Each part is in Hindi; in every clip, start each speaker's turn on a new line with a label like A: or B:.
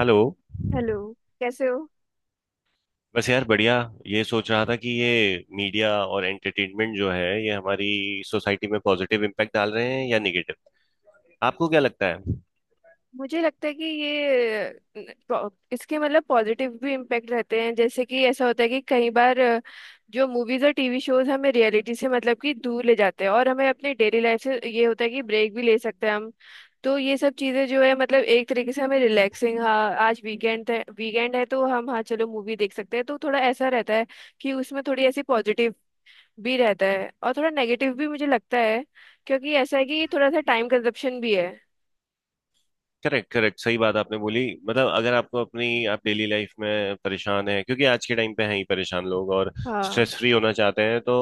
A: हेलो।
B: हेलो। कैसे हो?
A: बस यार बढ़िया। ये सोच रहा था कि ये मीडिया और एंटरटेनमेंट जो है ये हमारी सोसाइटी में पॉजिटिव इम्पैक्ट डाल रहे हैं या निगेटिव, आपको क्या लगता है?
B: मुझे लगता है कि ये इसके मतलब पॉजिटिव भी इम्पैक्ट रहते हैं, जैसे कि ऐसा होता है कि कई बार जो मूवीज और टीवी शोज हमें रियलिटी से मतलब कि दूर ले जाते हैं, और हमें अपनी डेली लाइफ से ये होता है कि ब्रेक भी ले सकते हैं हम। तो ये सब चीज़ें जो है मतलब एक तरीके से हमें रिलैक्सिंग, हाँ आज वीकेंड है, वीकेंड है तो हम हाँ चलो मूवी देख सकते हैं, तो थोड़ा ऐसा रहता है कि उसमें थोड़ी ऐसी पॉजिटिव भी रहता है और थोड़ा नेगेटिव भी, मुझे लगता है। क्योंकि ऐसा है कि थोड़ा सा टाइम कंजप्शन भी है।
A: Correct, correct. सही बात आपने बोली। मतलब अगर आपको अपनी आप डेली लाइफ में परेशान हैं क्योंकि आज के टाइम पे हैं ही परेशान लोग, और
B: हाँ।
A: स्ट्रेस फ्री होना चाहते हैं तो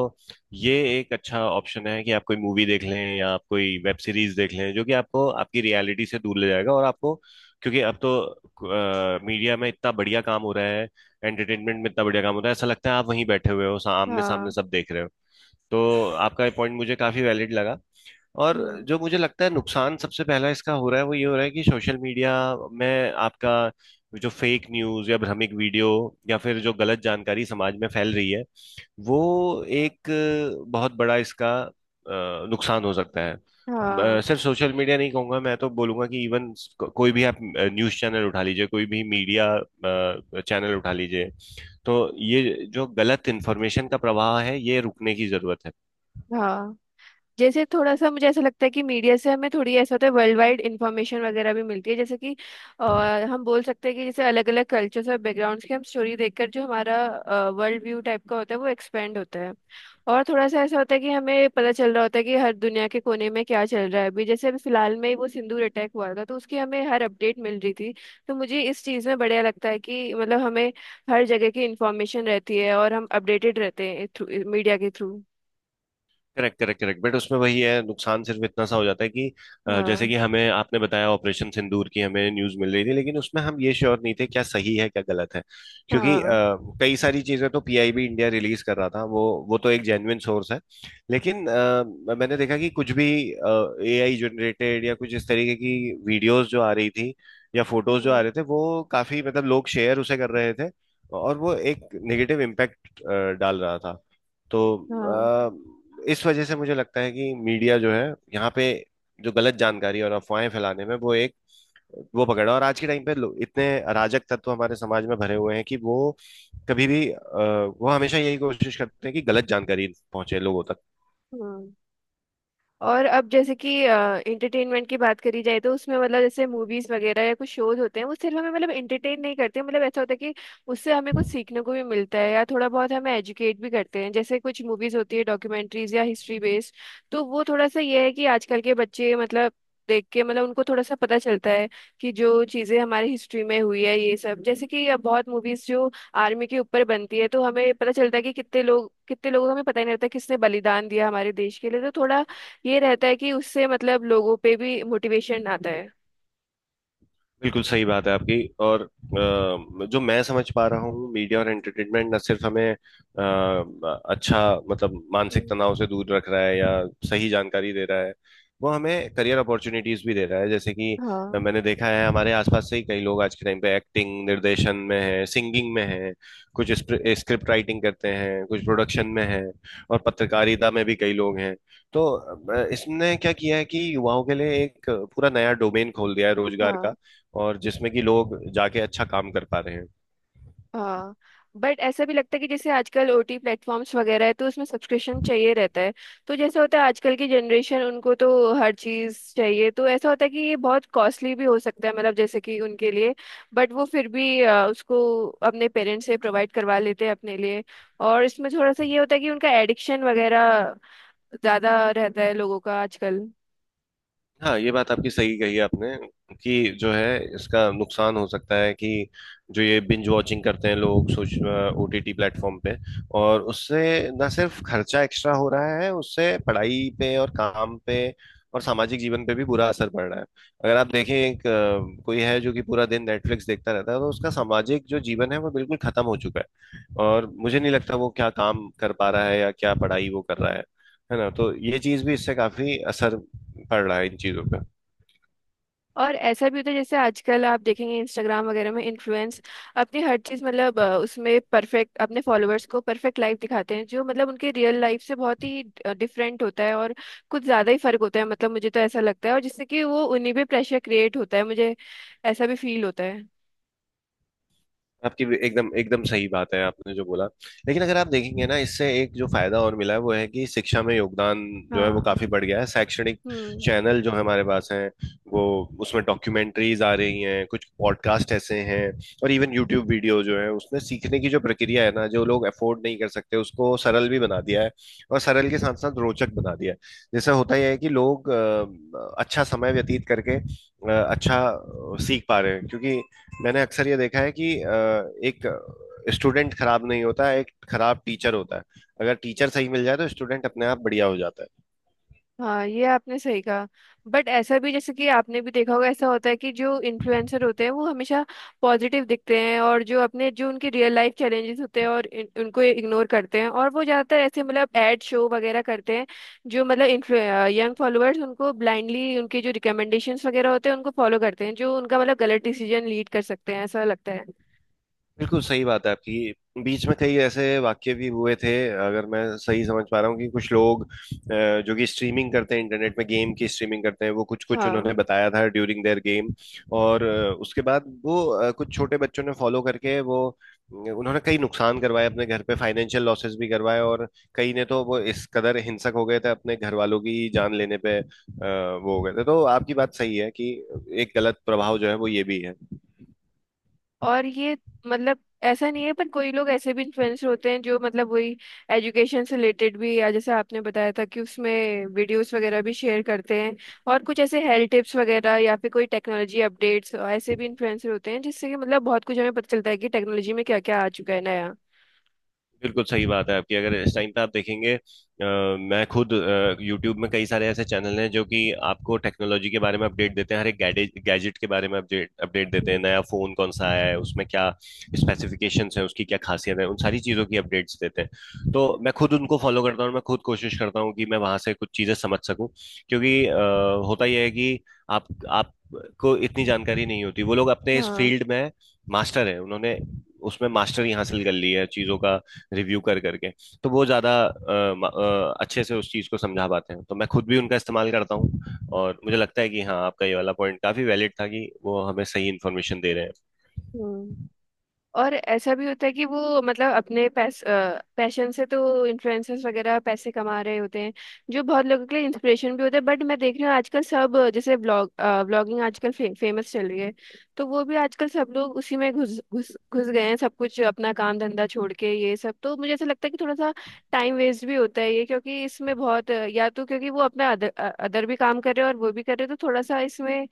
A: ये एक अच्छा ऑप्शन है कि आप कोई मूवी देख लें या आप कोई वेब सीरीज देख लें, जो कि आपको आपकी रियलिटी से दूर ले जाएगा। और आपको, क्योंकि अब तो मीडिया में इतना बढ़िया काम हो रहा है, एंटरटेनमेंट में इतना बढ़िया काम हो रहा है, ऐसा लगता है आप वहीं बैठे हुए हो, सामने सामने
B: हाँ।
A: सब देख रहे हो। तो आपका ये पॉइंट मुझे काफी वैलिड लगा। और
B: हम्म।
A: जो मुझे लगता है नुकसान सबसे पहला इसका हो रहा है वो ये हो रहा है कि सोशल मीडिया में आपका जो फेक न्यूज या भ्रमिक वीडियो या फिर जो गलत जानकारी समाज में फैल रही है, वो एक बहुत बड़ा इसका नुकसान हो सकता है।
B: हाँ।
A: सिर्फ सोशल मीडिया नहीं कहूंगा, मैं तो बोलूंगा कि इवन कोई भी आप न्यूज चैनल उठा लीजिए, कोई भी मीडिया चैनल उठा लीजिए। तो ये जो गलत इन्फॉर्मेशन का प्रवाह है, ये रुकने की जरूरत है।
B: हाँ। जैसे थोड़ा सा मुझे ऐसा लगता है कि मीडिया से हमें थोड़ी ऐसा होता है वर्ल्ड वाइड इंफॉर्मेशन वगैरह भी मिलती है, जैसे कि अ, हम बोल सकते हैं कि जैसे अलग अलग कल्चर्स और बैकग्राउंड्स की हम स्टोरी देखकर जो हमारा वर्ल्ड व्यू टाइप का होता है वो एक्सपेंड होता है। और थोड़ा सा ऐसा होता है कि हमें पता चल रहा होता है कि हर दुनिया के कोने में क्या चल रहा है। अभी जैसे अभी फिलहाल में ही वो सिंदूर अटैक हुआ था, तो उसकी हमें हर अपडेट मिल रही थी। तो मुझे इस चीज़ में बढ़िया लगता है कि मतलब हमें हर जगह की इंफॉर्मेशन रहती है और हम अपडेटेड रहते हैं मीडिया के through.
A: Correct, correct, correct. But उसमें वही है, नुकसान सिर्फ इतना सा हो जाता है कि जैसे
B: हाँ।
A: कि हमें आपने बताया ऑपरेशन सिंदूर की हमें न्यूज मिल रही थी, लेकिन उसमें हम ये श्योर नहीं थे क्या सही है क्या गलत है। क्योंकि
B: हाँ।
A: कई सारी चीजें तो पीआईबी इंडिया रिलीज कर रहा था, वो तो एक जेन्युइन सोर्स है। लेकिन मैंने देखा कि कुछ भी एआई जनरेटेड या कुछ इस तरीके की वीडियोस जो आ रही थी या फोटोज जो आ रहे थे, वो काफी मतलब लोग शेयर उसे कर रहे थे, और वो एक नेगेटिव इम्पैक्ट डाल रहा था। तो
B: हाँ।
A: इस वजह से मुझे लगता है कि मीडिया जो है यहाँ पे जो गलत जानकारी और अफवाहें फैलाने में वो एक वो पकड़ा, और आज के टाइम पे लोग इतने अराजक तत्व हमारे समाज में भरे हुए हैं कि वो कभी भी वो हमेशा यही कोशिश करते हैं कि गलत जानकारी पहुंचे लोगों तक।
B: हाँ। और अब जैसे कि एंटरटेनमेंट की बात करी जाए, तो उसमें मतलब जैसे मूवीज वगैरह या कुछ शोज होते हैं वो सिर्फ हमें मतलब एंटरटेन नहीं करते, मतलब ऐसा होता है कि उससे हमें कुछ सीखने को भी मिलता है, या थोड़ा बहुत हमें एजुकेट भी करते हैं, जैसे कुछ मूवीज होती है डॉक्यूमेंट्रीज या हिस्ट्री बेस्ड। तो वो थोड़ा सा ये है कि आजकल के बच्चे मतलब देख के मतलब उनको थोड़ा सा पता चलता है कि जो चीजें हमारी हिस्ट्री में हुई है ये सब, जैसे कि अब बहुत मूवीज जो आर्मी के ऊपर बनती है, तो हमें पता चलता है कि कितने लोग, कितने लोगों को हमें पता ही नहीं रहता किसने बलिदान दिया हमारे देश के लिए, तो थोड़ा ये रहता है कि उससे मतलब लोगों पे भी मोटिवेशन आता है।
A: बिल्कुल सही बात है आपकी। और जो मैं समझ पा रहा हूँ मीडिया और एंटरटेनमेंट न सिर्फ हमें अच्छा मतलब मानसिक
B: हम्म।
A: तनाव से दूर रख रहा है या सही जानकारी दे रहा है, वो हमें करियर अपॉर्चुनिटीज भी दे रहा है। जैसे कि
B: हाँ।
A: मैंने देखा है हमारे आसपास से ही कई लोग आज के टाइम पे एक्टिंग निर्देशन में है, सिंगिंग में है, कुछ स्क्रिप्ट राइटिंग करते हैं, कुछ प्रोडक्शन में है, और पत्रकारिता में भी कई लोग हैं। तो इसने क्या किया है कि युवाओं के लिए एक पूरा नया डोमेन खोल दिया है रोजगार
B: हाँ।
A: का, और जिसमें कि लोग जाके अच्छा काम कर पा रहे हैं।
B: हाँ। बट ऐसा भी लगता है कि जैसे आजकल ओटी प्लेटफॉर्म्स वगैरह है तो उसमें सब्सक्रिप्शन चाहिए रहता है। तो जैसे होता है आजकल की जनरेशन उनको तो हर चीज़ चाहिए, तो ऐसा होता है कि ये बहुत कॉस्टली भी हो सकता है मतलब जैसे कि उनके लिए। बट वो फिर भी उसको अपने पेरेंट्स से प्रोवाइड करवा लेते हैं अपने लिए। और इसमें थोड़ा सा ये होता है कि उनका एडिक्शन वगैरह ज़्यादा रहता है लोगों का आजकल।
A: हाँ, ये बात आपकी सही कही आपने कि जो है इसका नुकसान हो सकता है कि जो ये बिंज वॉचिंग करते हैं लोग सोच ओटीटी प्लेटफॉर्म पे, और उससे ना सिर्फ खर्चा एक्स्ट्रा हो रहा है, उससे पढ़ाई पे और काम पे और सामाजिक जीवन पे भी बुरा असर पड़ रहा है। अगर आप देखें एक कोई है जो कि पूरा दिन नेटफ्लिक्स देखता रहता है, तो उसका सामाजिक जो जीवन है वो बिल्कुल खत्म हो चुका है, और मुझे नहीं लगता वो क्या काम कर पा रहा है या क्या पढ़ाई वो कर रहा है। है ना? तो ये चीज भी, इससे काफी असर पड़ रहा है इन चीजों पे।
B: और ऐसा भी होता है जैसे आजकल आप देखेंगे इंस्टाग्राम वगैरह में इन्फ्लुएंस अपनी हर चीज़ मतलब उसमें परफेक्ट, अपने फॉलोअर्स को परफेक्ट लाइफ दिखाते हैं जो मतलब उनके रियल लाइफ से बहुत ही डिफरेंट होता है, और कुछ ज़्यादा ही फर्क होता है मतलब मुझे तो ऐसा लगता है, और जिससे कि वो उन्हीं पे प्रेशर क्रिएट होता है, मुझे ऐसा भी फील होता है।
A: आपकी भी एकदम एकदम सही बात है, आपने जो बोला। लेकिन अगर आप देखेंगे ना, इससे एक जो फायदा और मिला है वो है कि शिक्षा में योगदान जो है वो
B: हाँ।
A: काफी बढ़ गया है। शैक्षणिक
B: हम्म।
A: चैनल जो हमारे पास हैं, वो उसमें डॉक्यूमेंट्रीज आ रही हैं, कुछ पॉडकास्ट ऐसे हैं, और इवन यूट्यूब वीडियो जो है उसमें सीखने की जो प्रक्रिया है ना, जो लोग अफोर्ड नहीं कर सकते, उसको सरल भी बना दिया है, और सरल के साथ साथ रोचक बना दिया है। जैसे होता यह है कि लोग अच्छा समय व्यतीत करके अच्छा सीख पा रहे हैं। क्योंकि मैंने अक्सर ये देखा है कि एक स्टूडेंट खराब नहीं होता, एक खराब टीचर होता है। अगर टीचर सही मिल जाए तो स्टूडेंट अपने आप बढ़िया हो जाता है।
B: हाँ ये आपने सही कहा। बट ऐसा भी जैसे कि आपने भी देखा होगा, ऐसा होता है कि जो इन्फ्लुएंसर होते हैं वो हमेशा पॉजिटिव दिखते हैं, और जो अपने जो उनके रियल लाइफ चैलेंजेस होते हैं उनको इग्नोर करते हैं, और वो ज़्यादातर ऐसे मतलब एड शो वगैरह करते हैं जो मतलब यंग फॉलोअर्स उनको ब्लाइंडली उनके जो रिकमेंडेशंस वगैरह होते हैं उनको फॉलो करते हैं, जो उनका मतलब गलत डिसीजन लीड कर सकते हैं, ऐसा लगता है।
A: बिल्कुल सही बात है आपकी। बीच में कई ऐसे वाक्य भी हुए थे, अगर मैं सही समझ पा रहा हूँ, कि कुछ लोग जो कि स्ट्रीमिंग करते हैं इंटरनेट में, गेम की स्ट्रीमिंग करते हैं, वो कुछ कुछ
B: हाँ।
A: उन्होंने बताया था ड्यूरिंग देयर गेम। और उसके बाद वो कुछ छोटे बच्चों ने फॉलो करके वो उन्होंने कई नुकसान करवाए अपने घर पे, फाइनेंशियल लॉसेस भी करवाए, और कई ने तो वो इस कदर हिंसक हो गए थे अपने घर वालों की जान लेने पे वो हो गए थे। तो आपकी बात सही है कि एक गलत प्रभाव जो है वो ये भी है।
B: और ये मतलब ऐसा नहीं है पर कोई लोग ऐसे भी इन्फ्लुएंसर होते हैं जो मतलब वही एजुकेशन से रिलेटेड भी, या जैसे आपने बताया था कि उसमें वीडियोस वगैरह भी शेयर करते हैं, और कुछ ऐसे हेल्थ टिप्स वगैरह या फिर कोई टेक्नोलॉजी अपडेट्स, ऐसे भी इन्फ्लुएंसर होते हैं जिससे कि मतलब बहुत कुछ हमें पता चलता है कि टेक्नोलॉजी में क्या क्या आ चुका है नया।
A: बिल्कुल सही बात है आपकी। अगर इस टाइम पे आप देखेंगे, मैं खुद यूट्यूब में कई सारे ऐसे चैनल हैं जो कि आपको टेक्नोलॉजी के बारे में अपडेट देते हैं, हर एक गैजेट गैजेट के बारे में अपडेट अपडेट देते हैं,
B: हम्म।
A: नया फोन कौन सा आया है, उसमें क्या स्पेसिफिकेशंस हैं, उसकी क्या खासियत है, उन सारी चीज़ों की अपडेट्स देते हैं। तो मैं खुद उनको फॉलो करता हूँ, और मैं खुद कोशिश करता हूँ कि मैं वहां से कुछ चीज़ें समझ सकूँ। क्योंकि होता यह है कि आप आपको इतनी जानकारी नहीं होती, वो लोग अपने इस
B: हाँ।
A: फील्ड में मास्टर हैं, उन्होंने उसमें मास्टरी हासिल कर ली है चीज़ों का रिव्यू कर करके। तो वो ज़्यादा अच्छे से उस चीज़ को समझा पाते हैं, तो मैं खुद भी उनका इस्तेमाल करता हूँ। और मुझे लगता है कि हाँ, आपका ये वाला पॉइंट काफ़ी वैलिड था कि वो हमें सही इन्फॉर्मेशन दे रहे हैं।
B: हम्म। और ऐसा भी होता है कि वो मतलब अपने पैशन से तो इन्फ्लुएंसर्स वगैरह पैसे कमा रहे होते हैं, जो बहुत लोगों के लिए इंस्पिरेशन भी होते हैं। बट मैं देख रही हूँ आजकल सब जैसे ब्लॉगिंग आजकल फेमस चल रही है, तो वो भी आजकल सब लोग उसी में घुस घुस घुस गए हैं, सब कुछ अपना काम धंधा छोड़ के ये सब। तो मुझे ऐसा लगता है कि थोड़ा सा टाइम वेस्ट भी होता है ये, क्योंकि इसमें बहुत या तो क्योंकि वो अपना अदर अदर भी काम कर रहे हैं और वो भी कर रहे हैं, तो थोड़ा सा इसमें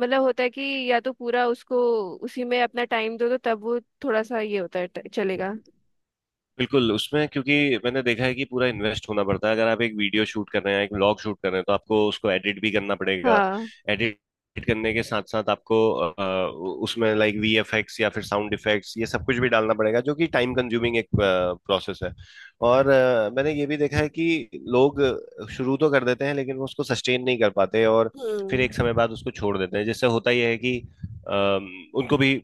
B: मतलब होता है कि या तो पूरा उसको उसी में अपना टाइम दो तो तब वो थोड़ा सा ये होता है चलेगा।
A: बिल्कुल। उसमें क्योंकि मैंने देखा है कि पूरा इन्वेस्ट होना पड़ता है। अगर आप एक वीडियो शूट कर रहे हैं, एक व्लॉग शूट कर रहे हैं, तो आपको उसको एडिट भी करना पड़ेगा।
B: हाँ।
A: एडिट करने के साथ साथ आपको उसमें लाइक वीएफएक्स या फिर साउंड इफेक्ट्स, ये सब कुछ भी डालना पड़ेगा, जो कि टाइम कंज्यूमिंग एक प्रोसेस है। और मैंने ये भी देखा है कि लोग शुरू तो कर देते हैं लेकिन वो उसको सस्टेन नहीं कर पाते, और फिर एक
B: हम्म।
A: समय बाद उसको छोड़ देते हैं। जिससे होता यह है कि अ, उनको भी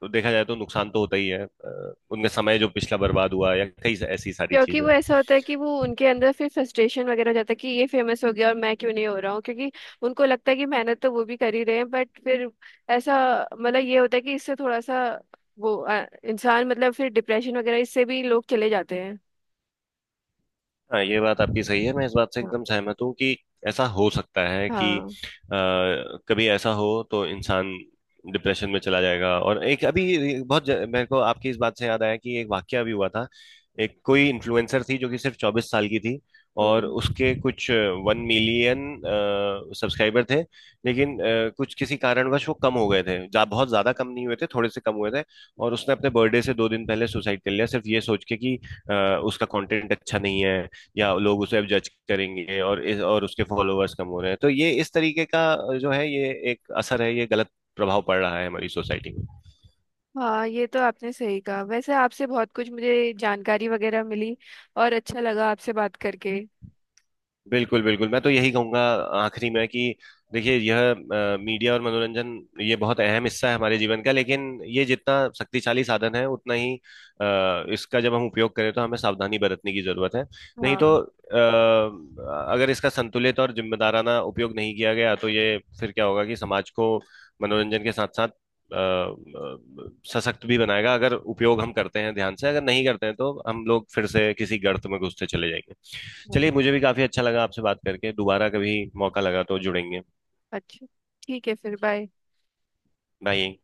A: तो देखा जाए तो नुकसान तो होता ही है, उनका समय जो पिछला बर्बाद हुआ या कई ऐसी सारी
B: क्योंकि
A: चीजें।
B: वो ऐसा होता है कि वो उनके अंदर फिर फ्रस्ट्रेशन वगैरह हो जाता है कि ये फेमस हो गया और मैं क्यों नहीं हो रहा हूँ, क्योंकि उनको लगता है कि मेहनत तो वो भी कर ही रहे हैं, बट फिर ऐसा मतलब ये होता है कि इससे थोड़ा सा वो इंसान मतलब फिर डिप्रेशन वगैरह इससे भी लोग चले जाते हैं।
A: हाँ, ये बात आपकी सही है, मैं इस बात से
B: हाँ।
A: एकदम सहमत हूँ कि ऐसा हो सकता है कि कभी ऐसा हो, तो इंसान डिप्रेशन में चला जाएगा। और एक अभी बहुत मेरे को आपकी इस बात से याद आया कि एक वाकया भी हुआ था। एक कोई इन्फ्लुएंसर थी जो कि सिर्फ 24 साल की थी, और
B: हाँ।
A: उसके कुछ 1 million सब्सक्राइबर थे। लेकिन कुछ किसी कारणवश वो कम हो गए थे, बहुत ज्यादा कम नहीं हुए थे, थोड़े से कम हुए थे। और उसने अपने बर्थडे से 2 दिन पहले सुसाइड कर लिया, सिर्फ ये सोच के कि अ, उसका कंटेंट अच्छा नहीं है, या लोग उसे अब जज करेंगे, और इस और उसके फॉलोअर्स कम हो रहे हैं। तो ये इस तरीके का जो है ये एक असर है, ये गलत प्रभाव पड़ रहा है हमारी सोसाइटी में।
B: हाँ ये तो आपने सही कहा। वैसे आपसे बहुत कुछ मुझे जानकारी वगैरह मिली और अच्छा लगा आपसे बात करके।
A: बिल्कुल बिल्कुल। मैं तो यही कहूंगा आखिरी में कि देखिए, यह मीडिया और मनोरंजन, ये बहुत अहम हिस्सा है हमारे जीवन का। लेकिन ये जितना शक्तिशाली साधन है, उतना ही इसका जब हम उपयोग करें तो हमें सावधानी बरतने की जरूरत है। नहीं तो
B: हाँ।
A: अगर इसका संतुलित और जिम्मेदाराना उपयोग नहीं किया गया, तो ये फिर क्या होगा कि समाज को मनोरंजन के साथ साथ सशक्त भी बनाएगा। अगर उपयोग हम करते हैं ध्यान से, अगर नहीं करते हैं तो हम लोग फिर से किसी गर्त में घुसते चले जाएंगे।
B: हाँ।
A: चलिए, मुझे भी काफी अच्छा लगा आपसे बात करके, दोबारा कभी मौका लगा तो जुड़ेंगे।
B: अच्छा, ठीक है फिर, बाय।
A: बाय।